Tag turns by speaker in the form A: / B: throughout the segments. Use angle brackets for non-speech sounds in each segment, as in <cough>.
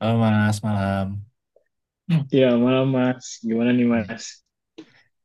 A: Halo Mas, malam. Hmm.
B: Iya, malam Mas. Gimana nih Mas?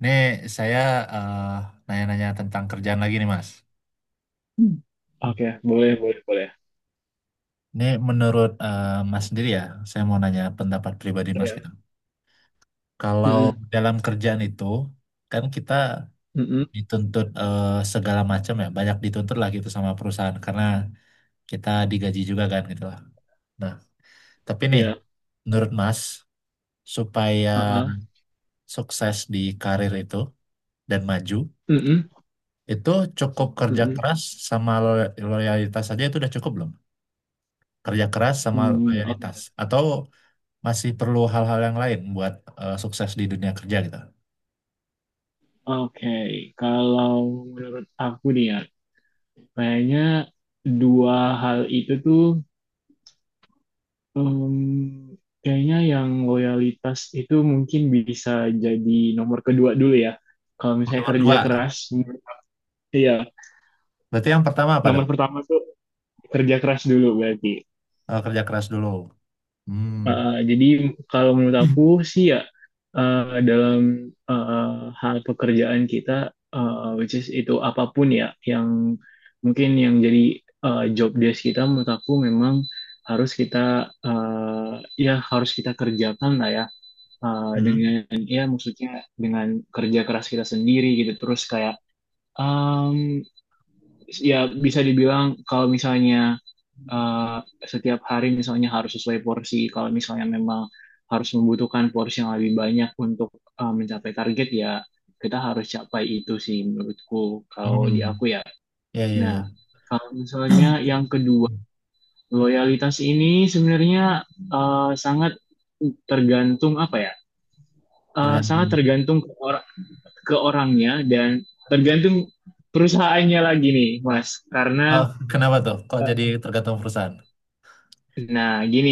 A: Ini saya eh, nanya-nanya tentang kerjaan lagi nih Mas. Hmm.
B: Oke, boleh, boleh, boleh.
A: Ini menurut Mas sendiri ya, saya mau nanya pendapat pribadi Mas gitu.
B: Iya.
A: Kalau
B: Mm-mm,
A: dalam kerjaan itu, kan kita
B: mm-mm,
A: dituntut segala macam ya, banyak dituntut lah gitu sama perusahaan karena kita digaji juga kan gitu lah. Nah, tapi nih,
B: Iya.
A: menurut Mas, supaya
B: Uh-uh.
A: sukses di karir itu dan maju,
B: Mm-mm,
A: itu cukup kerja
B: mm-mm.
A: keras sama loyalitas saja itu udah cukup belum? Kerja keras sama
B: Hmm.
A: loyalitas
B: Oke,
A: atau masih perlu hal-hal yang lain buat sukses di dunia kerja gitu?
B: Oke, kalau menurut aku nih ya, kayaknya dua hal itu tuh em, kayaknya yang loyalitas itu mungkin bisa jadi nomor kedua dulu ya. Kalau misalnya
A: Nomor
B: kerja
A: dua.
B: keras, iya.
A: Berarti yang pertama apa
B: Nomor
A: dong?
B: pertama tuh kerja keras dulu berarti.
A: Eh, kerja keras dulu. Hmm.
B: Jadi kalau menurut
A: <clears throat>
B: aku sih ya dalam hal pekerjaan kita which is itu apapun ya yang mungkin yang jadi job desk kita menurut aku memang harus kita ya harus kita kerjakan lah ya
A: Mhm.
B: dengan ya maksudnya dengan kerja keras kita sendiri gitu terus kayak um, ya bisa dibilang kalau misalnya eh, setiap hari misalnya harus sesuai porsi. Kalau misalnya memang harus membutuhkan porsi yang lebih banyak untuk mencapai target ya kita harus capai itu sih menurutku kalau di
A: Hmm.
B: aku ya.
A: Ya ya
B: Nah,
A: ya.
B: kalau misalnya yang
A: <coughs>
B: kedua,
A: <clears throat>
B: loyalitas ini sebenarnya sangat tergantung apa ya? Sangat
A: Tergantung.
B: tergantung ke orangnya dan tergantung perusahaannya lagi nih, Mas. Karena
A: Oh, kenapa tuh? Kok
B: uh,
A: jadi tergantung perusahaan?
B: nah, gini,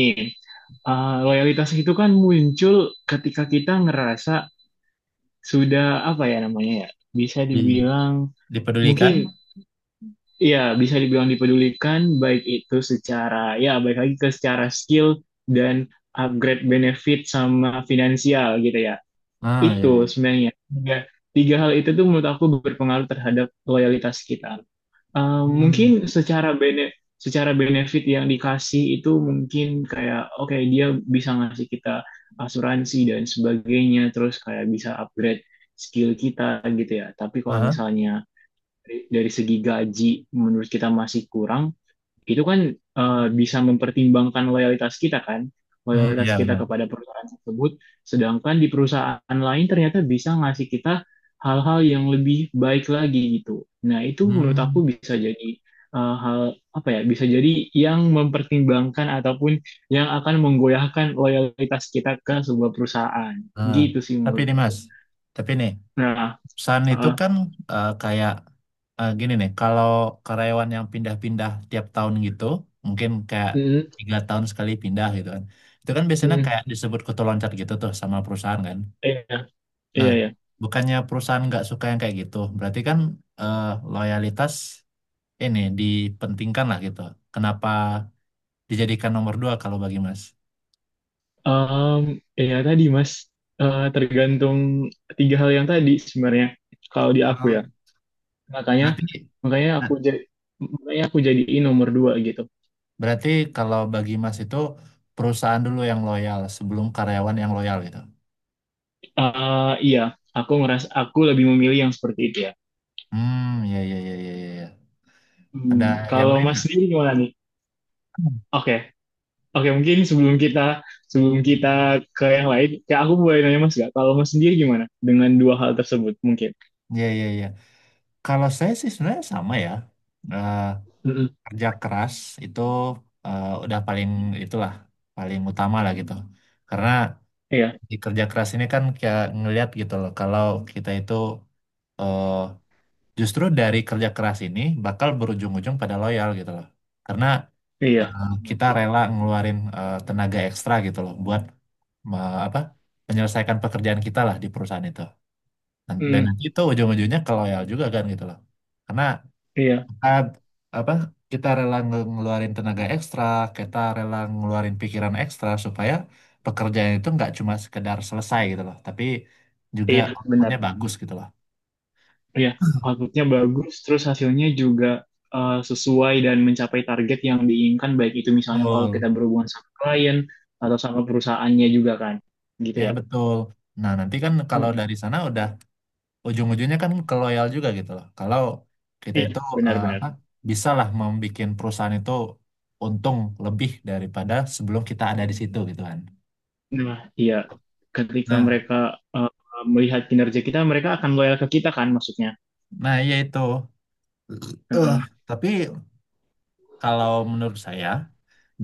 B: loyalitas itu kan muncul ketika kita ngerasa sudah apa ya namanya ya, bisa
A: Di-
B: dibilang
A: Dipedulikan?
B: mungkin ya bisa dibilang dipedulikan baik itu secara ya baik lagi ke secara skill dan upgrade benefit sama finansial gitu ya.
A: Ah ya ya.
B: Itu sebenarnya tiga hal itu tuh menurut aku berpengaruh terhadap loyalitas kita. Eh,
A: Hmm.
B: mungkin secara bene- secara benefit yang dikasih itu mungkin kayak oke dia bisa ngasih kita asuransi dan sebagainya terus kayak bisa upgrade skill kita gitu ya. Tapi kalau
A: Aha.
B: misalnya dari segi gaji menurut kita masih kurang, itu kan bisa mempertimbangkan loyalitas kita kan,
A: Hmm,
B: loyalitas
A: ya
B: kita
A: benar.
B: kepada perusahaan tersebut, sedangkan di perusahaan lain ternyata bisa ngasih kita hal-hal yang lebih baik lagi gitu. Nah, itu menurut
A: Hmm.
B: aku bisa jadi hal apa ya, bisa jadi yang mempertimbangkan ataupun yang akan menggoyahkan loyalitas kita ke sebuah perusahaan.
A: Eh,
B: Gitu sih
A: tapi nih Mas,
B: menurutku.
A: tapi nih
B: Nah,
A: pesan itu
B: eh,
A: kan kayak gini nih, kalau karyawan yang pindah-pindah tiap tahun gitu, mungkin kayak
B: mm,
A: 3 tahun sekali pindah gitu kan, itu kan biasanya
B: mm,
A: kayak disebut kutu loncat gitu tuh sama perusahaan kan.
B: iya,
A: Nah,
B: iya.
A: bukannya perusahaan nggak suka yang kayak gitu, berarti kan eh, loyalitas ini dipentingkan lah gitu. Kenapa dijadikan nomor dua kalau bagi Mas?
B: Um, Ya tadi Mas, tergantung tiga hal yang tadi sebenarnya. Kalau di aku
A: Nah,
B: ya, makanya
A: berarti
B: makanya aku jadi makanya aku jadiin nomor dua gitu.
A: Berarti kalau bagi Mas itu perusahaan dulu yang loyal sebelum karyawan yang loyal gitu.
B: Iya, aku ngerasa aku lebih memilih yang seperti itu ya.
A: Hmm, ya ya ya ya ya.
B: Hmm,
A: Ada yang
B: kalau
A: lain
B: Mas
A: nggak?
B: sendiri gimana nih?
A: Hmm.
B: Oke. Oke mungkin sebelum kita ke yang lain, kayak aku boleh nanya Mas gak? Kalau Mas sendiri gimana dengan dua hal tersebut mungkin?
A: Ya ya ya. Kalau saya sih sebenarnya sama ya. Eh,
B: Mm-mm.
A: Kerja keras itu udah paling itulah paling utama lah gitu. Karena
B: Iya,
A: di kerja keras ini kan kayak ngelihat gitu loh kalau kita itu eh, justru dari kerja keras ini bakal berujung-ujung pada loyal gitu loh. Karena
B: iya, benar
A: kita
B: sih.
A: rela ngeluarin tenaga ekstra gitu loh buat me- apa menyelesaikan pekerjaan kita lah di perusahaan itu dan
B: Hmm,
A: nanti itu ujung-ujungnya ke loyal juga kan gitu loh karena
B: iya,
A: kita apa kita rela ngeluarin tenaga ekstra kita rela ngeluarin pikiran ekstra supaya pekerjaan itu nggak cuma sekedar selesai gitu loh tapi juga
B: iya, benar.
A: outputnya bagus gitu loh.
B: Iya, outputnya bagus, terus hasilnya juga sesuai dan mencapai target yang diinginkan, baik itu misalnya kalau
A: Betul.
B: kita berhubungan sama klien atau sama perusahaannya juga kan, gitu
A: Ya
B: ya.
A: betul. Nah nanti kan kalau
B: Mm,
A: dari sana udah ujung-ujungnya kan ke loyal juga gitu loh. Kalau kita itu
B: iya,
A: apa
B: benar-benar.
A: bisa lah membuat perusahaan itu untung lebih daripada sebelum kita ada di situ gitu kan.
B: Nah, iya, ketika
A: Nah,
B: mereka eh, melihat kinerja kita, mereka akan loyal ke kita kan, maksudnya.
A: nah iya itu. Eh,
B: Heeh,
A: tapi kalau menurut saya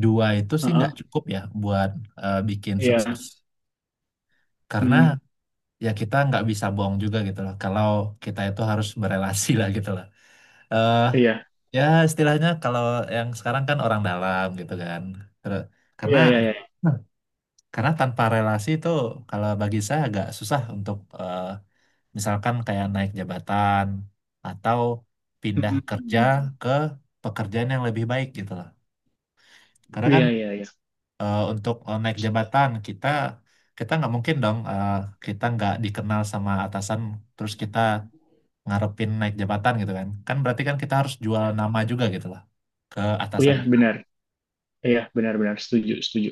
A: dua itu sih
B: heeh,
A: nggak cukup ya buat bikin
B: iya,
A: sukses. Karena
B: mm,
A: ya kita nggak bisa bohong juga gitu loh. Kalau kita itu harus berelasi lah gitu loh. eh
B: iya,
A: Ya istilahnya kalau yang sekarang kan orang dalam gitu kan. Terus, karena
B: iya, iya, iya,
A: Tanpa relasi itu kalau bagi saya agak susah untuk misalkan kayak naik jabatan atau
B: mm,
A: pindah
B: mm,
A: kerja
B: mm,
A: ke pekerjaan yang lebih baik gitu loh. Karena kan
B: iya, iya, iya,
A: untuk naik jabatan kita kita nggak mungkin dong kita nggak dikenal sama atasan terus kita ngarepin naik jabatan gitu kan. Kan berarti kan kita harus jual nama juga gitu loh ke atasan
B: iya,
A: kita.
B: benar, iya, benar-benar setuju, setuju.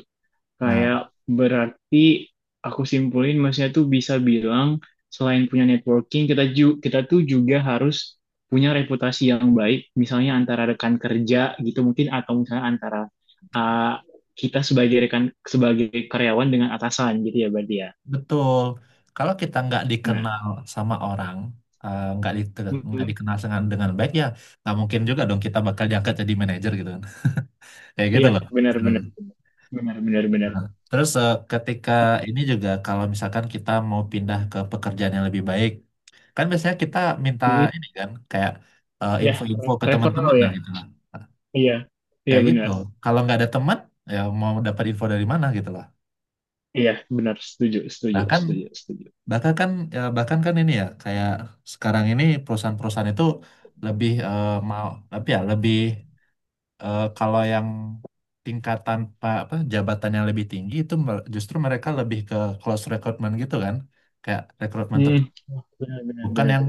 B: Kayak
A: Nah,
B: berarti aku simpulin maksudnya tuh bisa bilang selain punya networking kita tuh juga harus punya reputasi yang baik misalnya antara rekan kerja gitu mungkin atau misalnya antara uh, kita sebagai rekan sebagai karyawan dengan atasan gitu ya berarti ya.
A: betul. Kalau kita nggak
B: Nah,
A: dikenal sama orang, eh, nggak di, nggak
B: mm,
A: dikenal dengan baik ya, nggak mungkin juga dong kita bakal diangkat jadi manajer gitu kan. <laughs> Kayak gitu
B: iya
A: loh
B: benar-benar
A: istilahnya.
B: benar-benar benar.
A: Terus ketika ini juga kalau misalkan kita mau pindah ke pekerjaan yang lebih baik, kan biasanya kita minta
B: Mm,
A: ini kan kayak
B: iya,
A: info-info ke
B: referral
A: teman-teman lah
B: ya.
A: gitu lah.
B: Iya. Iya
A: Kayak gitu.
B: benar.
A: Kalau nggak ada teman, ya mau dapat info dari mana gitu lah.
B: Iya benar setuju setuju
A: Nah kan
B: setuju setuju.
A: bahkan kan ya, bahkan kan ini ya kayak sekarang ini perusahaan-perusahaan itu lebih mau tapi ya lebih kalau yang tingkatan apa jabatan yang lebih tinggi itu justru mereka lebih ke close recruitment gitu kan kayak rekrutmen
B: Hmm.
A: tertutup
B: Benar benar
A: bukan
B: benar.
A: yang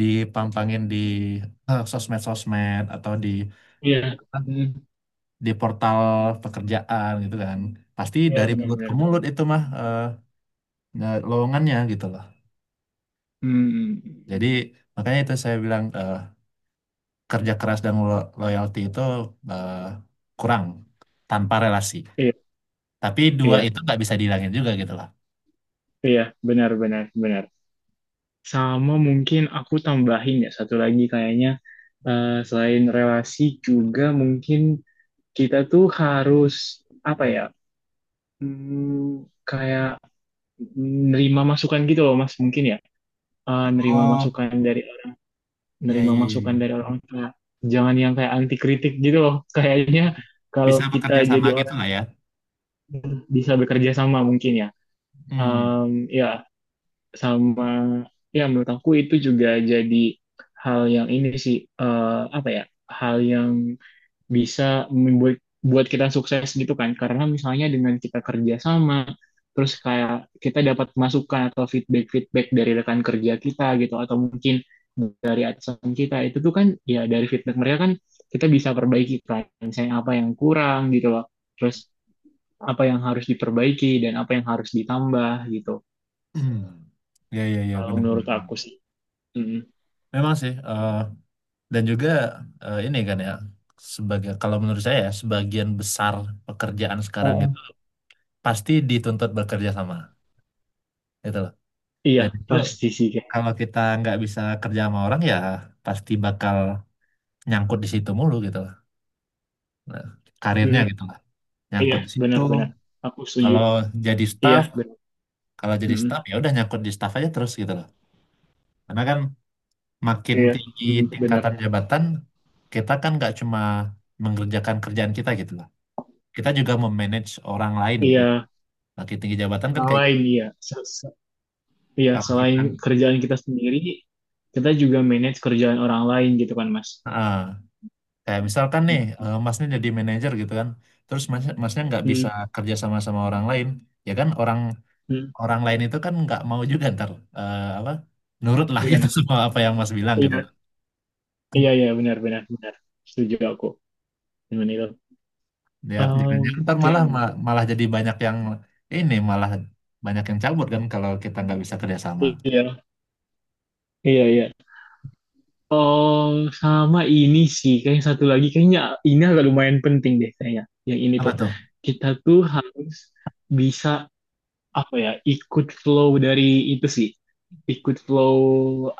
A: dipampangin di sosmed-sosmed atau di
B: Iya,
A: apa,
B: hmm,
A: di portal pekerjaan gitu kan pasti
B: iya
A: dari mulut ke
B: benar-benar.
A: mulut itu mah nah, lowongannya gitu loh
B: Hmm,
A: jadi makanya itu saya bilang kerja keras dan loyalty itu eh, kurang tanpa relasi.
B: iya,
A: Tapi dua
B: iya,
A: itu nggak bisa dihilangin juga gitu lah.
B: iya, benar-benar, benar. Sama mungkin aku tambahin ya satu lagi kayaknya selain relasi juga mungkin kita tuh harus apa ya, hmm, kayak nerima masukan gitu loh Mas mungkin ya, Eh, nerima
A: Oh,
B: masukan dari
A: ya
B: nerima
A: ya ya.
B: masukan
A: Ya.
B: dari orang tua. Jangan yang kayak anti kritik gitu loh. <laughs> Kayaknya kalau
A: Bisa
B: kita
A: bekerja sama
B: jadi
A: gitu
B: orang
A: lah ya.
B: bisa bekerja sama mungkin ya.
A: Hmm.
B: Em, Ya sama ya menurut aku itu juga jadi hal yang ini sih eh, apa ya hal yang bisa membuat buat kita sukses gitu kan karena misalnya dengan kita kerja sama terus kayak kita dapat masukan atau feedback feedback dari rekan kerja kita gitu atau mungkin dari atasan kita itu tuh kan ya dari feedback mereka kan kita bisa perbaiki kan misalnya apa yang kurang gitu loh terus apa yang harus diperbaiki dan apa yang harus ditambah gitu.
A: <clears throat> Ya ya ya
B: Kalau
A: benar benar.
B: menurut
A: Benar.
B: aku sih. Mm.
A: Memang sih dan juga ini kan ya sebagai kalau menurut saya ya, sebagian besar pekerjaan sekarang
B: Heeh.
A: itu pasti dituntut bekerja sama gitu loh.
B: Iya,
A: Dan itu
B: pasti sih kayak.
A: kalau kita nggak bisa kerja sama orang ya pasti bakal nyangkut di situ mulu gitu loh. Nah, karirnya
B: Mm,
A: gitu lah
B: iya,
A: nyangkut di situ
B: benar-benar. Aku setuju.
A: kalau jadi
B: Iya,
A: staff
B: benar. Mm,
A: ya udah nyangkut di staff aja terus gitu loh karena kan makin
B: iya,
A: tinggi
B: mm, benar.
A: tingkatan jabatan kita kan nggak cuma mengerjakan kerjaan kita gitu loh kita juga memanage orang lain gitu
B: Iya,
A: makin tinggi jabatan kan kayak gitu.
B: selain iya. Se- se- Iya,
A: Kalau
B: selain
A: kita
B: kerjaan kita sendiri, kita juga manage kerjaan orang lain gitu kan, Mas.
A: ah, kayak misalkan nih
B: Mm,
A: masnya jadi manajer gitu kan terus masnya nggak bisa
B: mm,
A: kerja sama sama orang lain ya kan orang
B: mm,
A: orang lain itu kan nggak mau juga ntar apa nurut lah
B: iya,
A: gitu <laughs> semua apa yang Mas bilang gitu
B: iya,
A: loh.
B: iya, iya, benar-benar, benar, benar, benar. Setuju aku dengan itu.
A: Dia jangan ntar
B: Oke,
A: malah malah jadi banyak yang ini malah banyak yang cabut kan kalau kita nggak bisa kerjasama.
B: iya, iya, iya. Oh, sama ini sih. Kayaknya satu lagi, kayaknya ini agak lumayan penting deh kayaknya. Yang ini
A: Apa
B: tuh,
A: tuh?
B: kita tuh harus bisa apa ya, ikut flow dari itu sih. Ikut flow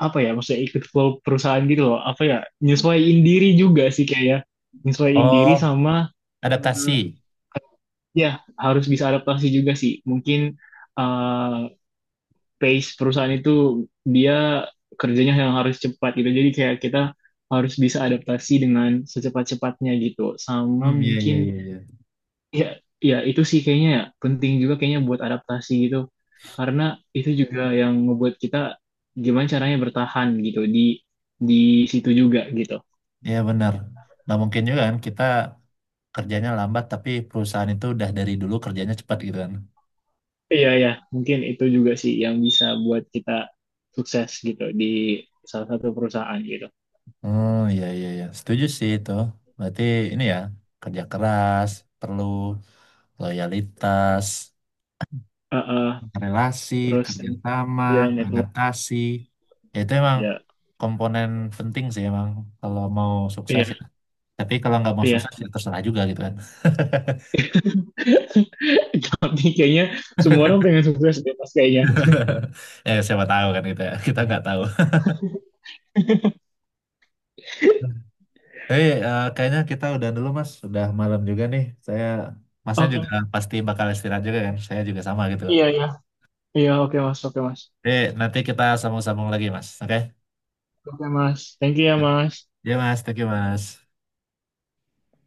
B: apa ya, maksudnya ikut flow perusahaan gitu loh. Apa ya, nyesuaiin diri juga sih kayaknya. Nyesuaiin diri
A: Oh,
B: sama eh,
A: adaptasi.
B: ya harus bisa adaptasi juga sih. Mungkin eh, pace perusahaan itu dia kerjanya yang harus cepat gitu. Jadi kayak kita harus bisa adaptasi dengan secepat-cepatnya gitu. Sama
A: Hmm, iya iya iya
B: mungkin
A: iya.
B: ya ya itu sih kayaknya ya, penting juga kayaknya buat adaptasi gitu. Karena itu juga yang ngebuat kita gimana caranya bertahan gitu di situ juga gitu.
A: Iya benar. Nggak mungkin juga kan kita kerjanya lambat tapi perusahaan itu udah dari dulu kerjanya cepat gitu kan.
B: Iya ya, mungkin itu juga sih yang bisa buat kita sukses gitu di salah satu perusahaan gitu.
A: Oh iya iya iya. Setuju sih itu. Berarti ini ya kerja keras perlu loyalitas
B: Uh,
A: relasi,
B: Terus
A: kerjasama,
B: ya network
A: adaptasi. Ya itu emang
B: ya.
A: komponen penting sih emang kalau mau sukses
B: Iya.
A: ya. Tapi kalau nggak mau
B: Iya.
A: sukses ya terserah juga gitu kan. <laughs>
B: Tapi kayaknya semua orang pengen sukses deh mas kayaknya.
A: Eh siapa tahu kan gitu ya. Kita nggak tahu. Tapi kayaknya kita udah dulu mas. Udah malam juga nih. Saya masnya juga
B: Oke.
A: pasti bakal istirahat juga kan. Saya juga sama gitu loh.
B: Iya iya. Iya oke mas oke mas.
A: Jadi nanti kita sambung-sambung lagi mas. Oke?
B: Oke mas. Thank you ya mas.
A: Ya mas. Thank you mas.